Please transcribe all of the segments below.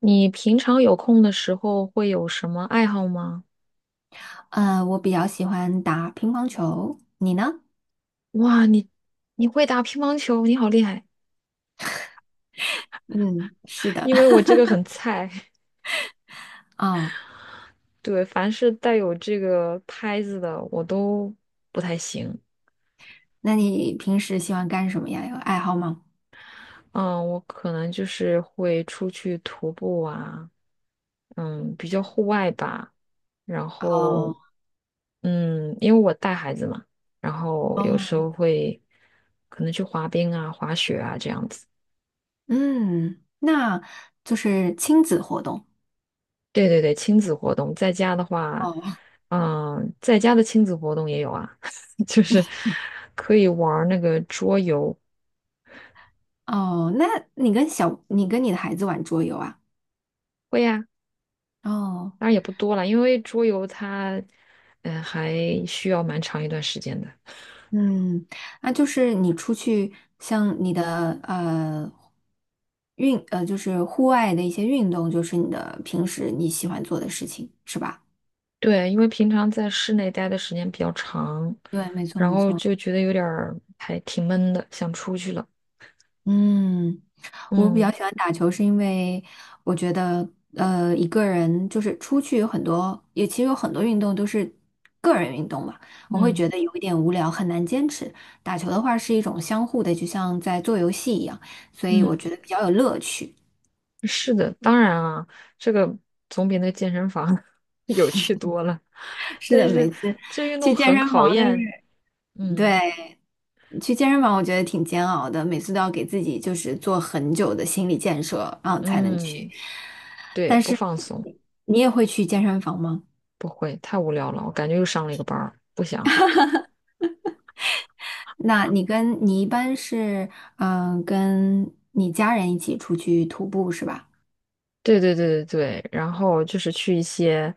你平常有空的时候会有什么爱好吗？我比较喜欢打乒乓球，你呢？哇，你会打乒乓球，你好厉害！嗯，是的。因为我 这个很菜，哦，对，凡是带有这个拍子的我都不太行。那你平时喜欢干什么呀？有爱好吗？嗯，我可能就是会出去徒步啊，比较户外吧。然后，哦因为我带孩子嘛，然后有时候哦，会可能去滑冰啊、滑雪啊这样子。嗯，那就是亲子活动。对对对，亲子活动，在家的话，哦在家的亲子活动也有啊，就是可以玩儿那个桌游，哦，那你跟你的孩子玩桌游啊？会呀、哦，当然也不多了，因为桌游它，还需要蛮长一段时间的。嗯，那就是你出去像你的呃运呃，就是户外的一些运动，就是你的平时你喜欢做的事情，是吧？对，因为平常在室内待的时间比较长，然后就觉得有点儿还挺闷的，想出去了。嗯。我比较嗯喜欢打球，是因为我觉得，一个人就是出去有很多，也其实有很多运动都是个人运动嘛，我会嗯觉得有一点无聊，很难坚持。打球的话是一种相互的，就像在做游戏一样，所以我嗯。觉得比较有乐趣。是的，当然啊，这个总比那健身房 有趣多了。是但的，是每次这运去动健很身考房就是，验，嗯对。去健身房，我觉得挺煎熬的，每次都要给自己就是做很久的心理建设，然后才能去。嗯，对，但不是放松，你也会去健身房吗？不会，太无聊了，我感觉又上了一个班儿，不想。那你一般是，跟你家人一起出去徒步是吧？对对对对对，然后就是去一些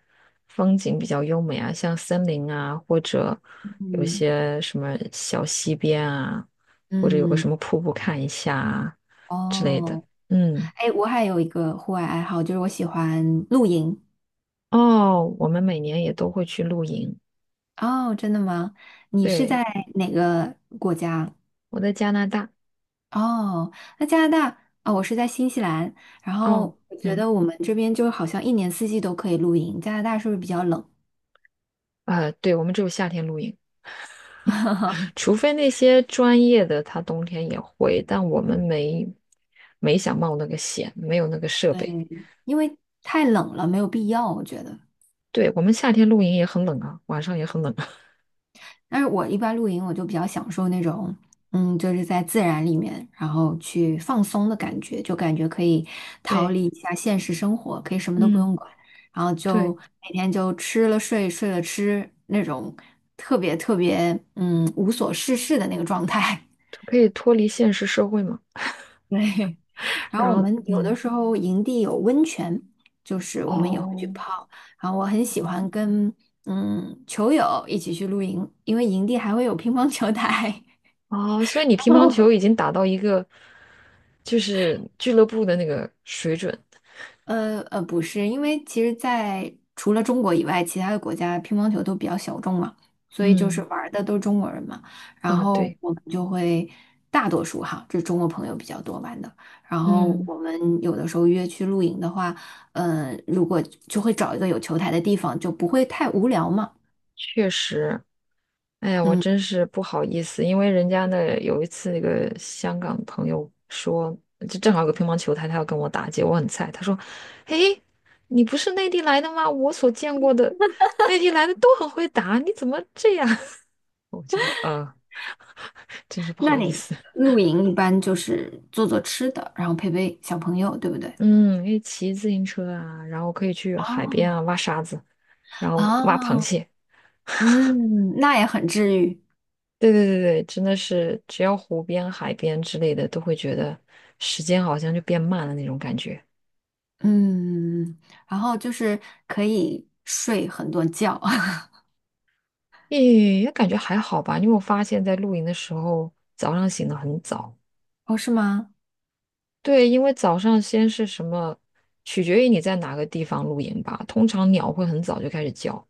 风景比较优美啊，像森林啊，或者有嗯，些什么小溪边啊，或者有个嗯，什么瀑布看一下啊之类的，哦，嗯。哎，我还有一个户外爱好，就是我喜欢露营。哦，我们每年也都会去露营。哦，真的吗？你是对，在哪个国家？我在加拿大。哦，那加拿大啊，我是在新西兰。然哦，后我觉嗯，得我们这边就好像一年四季都可以露营，加拿大是不是比较冷？啊，对，我们只有夏天露营，除非那些专业的，他冬天也会，但我们没想冒那个险，没有那个设对，备。因为太冷了，没有必要，我觉得。对，我们夏天露营也很冷啊，晚上也很冷啊。但是我一般露营，我就比较享受那种，就是在自然里面，然后去放松的感觉，就感觉可以逃对，离一下现实生活，可以什么都不嗯，用管，然后就对，每天就吃了睡，睡了吃，那种特别特别，无所事事的那个状态。可以脱离现实社会嘛。对。然后然我后，们有的时候营地有温泉，就是我们也会去哦，泡。然后我很喜欢跟球友一起去露营，因为营地还会有乒乓球台。哦，所以你乒乓哦，球已经打到一个就是俱乐部的那个水准。不是，因为其实在除了中国以外，其他的国家乒乓球都比较小众嘛，所以就是嗯，玩儿的都是中国人嘛。然啊，后对，我们就会大多数哈，这中国朋友比较多玩的。然后嗯，我们有的时候约去露营的话，嗯、如果就会找一个有球台的地方，就不会太无聊嘛。确实。哎呀，我嗯，真是不好意思，因为人家那有一次那个香港朋友说，就正好有个乒乓球台，他要跟我打结，果我很菜。他说：“嘿，你不是内地来的吗？我所见过的内地来的都很会打，你怎么这样？” 我就真是不那好意你思。露营一般就是做做吃的，然后陪陪小朋友，对不对？嗯，因为骑自行车啊，然后可以去海边哦，啊挖沙子，然后挖螃啊，蟹。那也很治愈。对对对对，真的是只要湖边、海边之类的，都会觉得时间好像就变慢了那种感觉。嗯，然后就是可以睡很多觉。也感觉还好吧，因为我发现，在露营的时候，早上醒得很早。哦，是吗？对，因为早上先是什么，取决于你在哪个地方露营吧。通常鸟会很早就开始叫。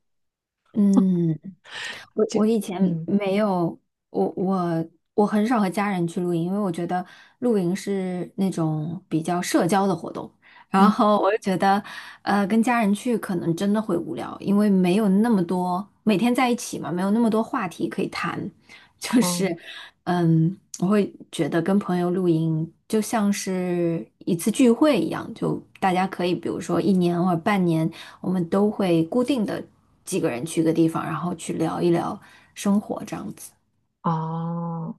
嗯，我以前嗯没有，我我我很少和家人去露营，因为我觉得露营是那种比较社交的活动，然嗯后我就觉得，跟家人去可能真的会无聊，因为没有那么多，每天在一起嘛，没有那么多话题可以谈，就哦是。我会觉得跟朋友露营就像是一次聚会一样，就大家可以，比如说一年或者半年，我们都会固定的几个人去一个地方，然后去聊一聊生活这样子。哦，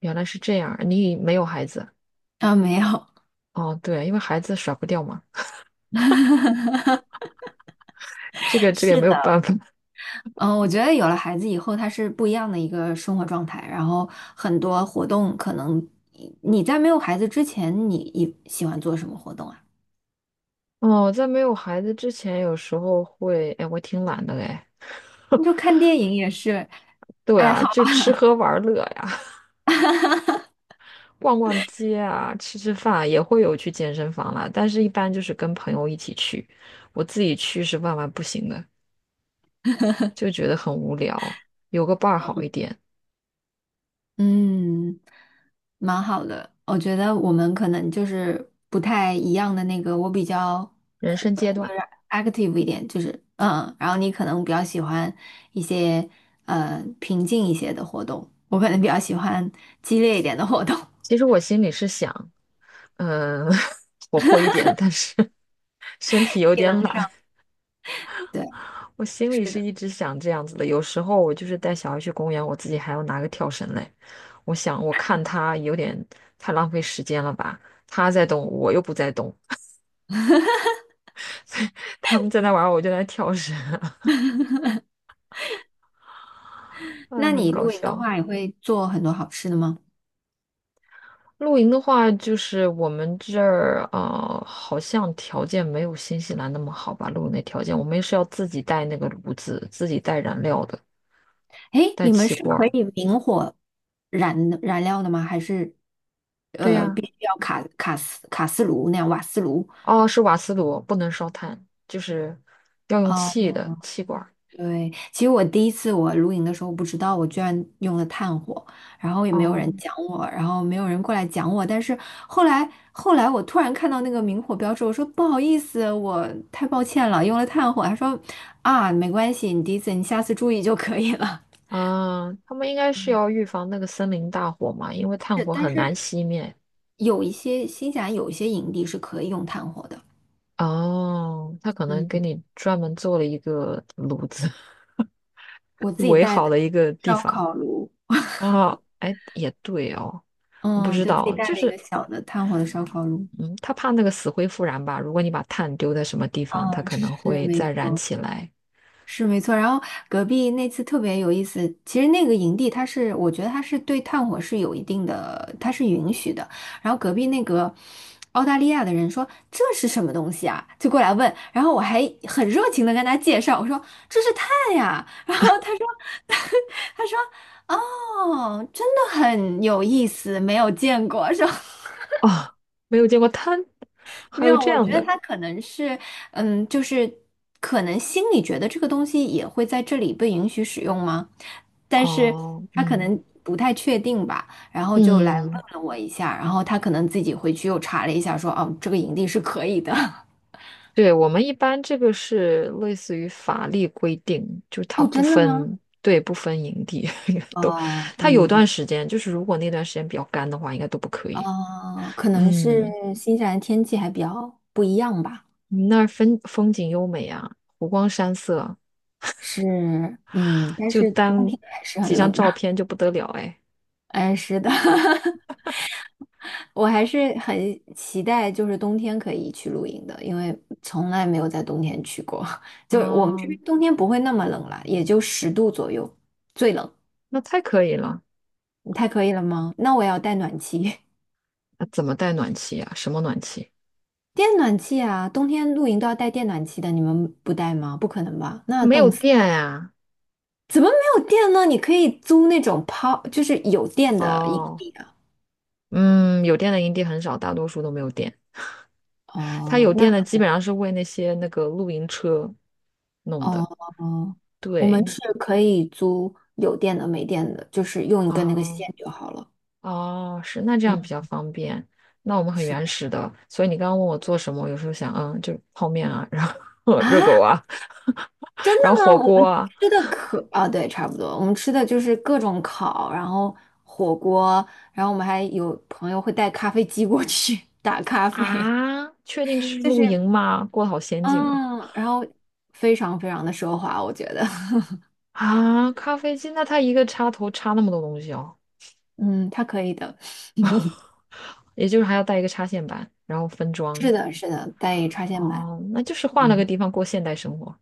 原来是这样，你没有孩子啊，没有，哦？对，因为孩子甩不掉嘛，这 个这个也是没有的，办法。嗯，我觉得有了孩子以后，他是不一样的一个生活状态，然后很多活动可能你在没有孩子之前，你喜欢做什么活动啊？哦，在没有孩子之前，有时候会，哎，我挺懒的嘞。你就看电影也是。对爱啊，好。就吃喝玩乐呀。逛逛街啊，吃吃饭啊也会有去健身房啦，但是一般就是跟朋友一起去，我自己去是万万不行的，就觉得很无聊，有个伴儿好一点。嗯，蛮好的。我觉得我们可能就是不太一样的那个，我比较人生阶就段，是 active 一点，就是然后你可能比较喜欢一些平静一些的活动，我可能比较喜欢激烈一点的活动，其实我心里是想，嗯、活泼一点，但是 身体 有体点能上。懒，对，我心是里是的。一直想这样子的。有时候我就是带小孩去公园，我自己还要拿个跳绳嘞，我想我看他有点太浪费时间了吧，他在动，我又不在动。他们在那玩儿我就在那跳绳，哎，那很你搞露营的笑。话，也会做很多好吃的吗？露营的话，就是我们这儿啊、呃好像条件没有新西兰那么好吧？露营的条件，我们是要自己带那个炉子，自己带燃料的，诶，带你们气是罐可儿。以明火燃的燃料的吗？还是对呀、必须要卡卡斯卡斯炉那样瓦斯炉？哦，是瓦斯炉，不能烧炭，就是要用哦，气的气罐儿。对，其实我第一次我露营的时候不知道，我居然用了炭火，然后也没有人哦，讲我，然后没有人过来讲我。但是后来，我突然看到那个明火标志，我说不好意思，我太抱歉了，用了炭火。他说啊，没关系，你第一次，你下次注意就可以了。啊，他们应该是嗯要预防那个森林大火嘛，因为炭是，火但很是难熄灭。有一些新西兰有一些营地是可以用炭火的，哦，他可嗯，能给你专门做了一个炉子。我自己围带好的的一个地烧方烤炉，啊，哎，也对哦，我不嗯，知就自己道，带就了一是，个小的炭火的烧烤炉，嗯，他怕那个死灰复燃吧？如果你把炭丢在什么地方，它嗯，可能是会没再燃错。起来是没错，然后隔壁那次特别有意思。其实那个营地，它是我觉得它是对炭火是有一定的，它是允许的。然后隔壁那个澳大利亚的人说这是什么东西啊，就过来问。然后我还很热情的跟他介绍，我说这是炭呀。然后他说 他说哦，真的很有意思，没有见过，说。啊，没有见过炭，没还有有，这我觉样得的他可能是，就是可能心里觉得这个东西也会在这里被允许使用吗？但是哦，他可嗯能不太确定吧，然后就来问嗯，了我一下，然后他可能自己回去又查了一下说，哦，这个营地是可以的。对，我们一般这个是类似于法律规定，就是 它哦，不真的吗？分，对，不分营地 都，我它有们不，段时间，就是如果那段时间比较干的话，应该都不可以，可能是嗯。新西兰天气还比较不一样吧，你那儿风景优美啊，湖光山色，是，但就是冬单天还是很几冷张的。照 片就不得了哎。哎，是的，我还是很期待，就是冬天可以去露营的，因为从来没有在冬天去过。就我们这哦，边冬天不会那么冷啦，也就10度左右，最冷。那太可以了。你太可以了吗？那我也要带暖气，那怎么带暖气呀？什么暖气？电暖气啊！冬天露营都要带电暖气的，你们不带吗？不可能吧？那没有冻死！电呀、怎么没有电呢？你可以租那种抛，就是有电的营哦，地啊。嗯，有电的营地很少，大多数都没有电。它哦，有电的基本上是为那些那个露营车弄哦的。哦，我们对，是可以租有电的、没电的，就是用一根那个啊。线就好了。哦，是，那这样比嗯较方便。那我们很是原的始的，所以你刚刚问我做什么，我有时候想，嗯，就泡面啊，然后 热狗啊，啊，真 的然后吗？火我锅们啊。吃的可啊，对，差不多。我们吃的就是各种烤，然后火锅，然后我们还有朋友会带咖啡机过去 打咖啡，啊，确定这是就露是营吗？过得好先进啊！嗯，然后非常非常的奢华，我觉得，啊，咖啡机，那它一个插头插那么多东西哦，嗯，他可以的。也就是还要带一个插线板，然后分是装。的，是的，带插线板，哦，那就是换了嗯，个地方过现代生活。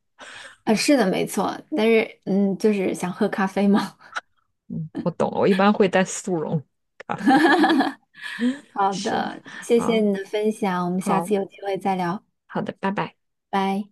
啊，是的，没错。但是就是想喝咖啡嘛。嗯，我懂了，我一般会带速溶咖啡。好是，的，谢谢好，你的分享，我们下好，次有机会再聊，好的，拜拜。拜。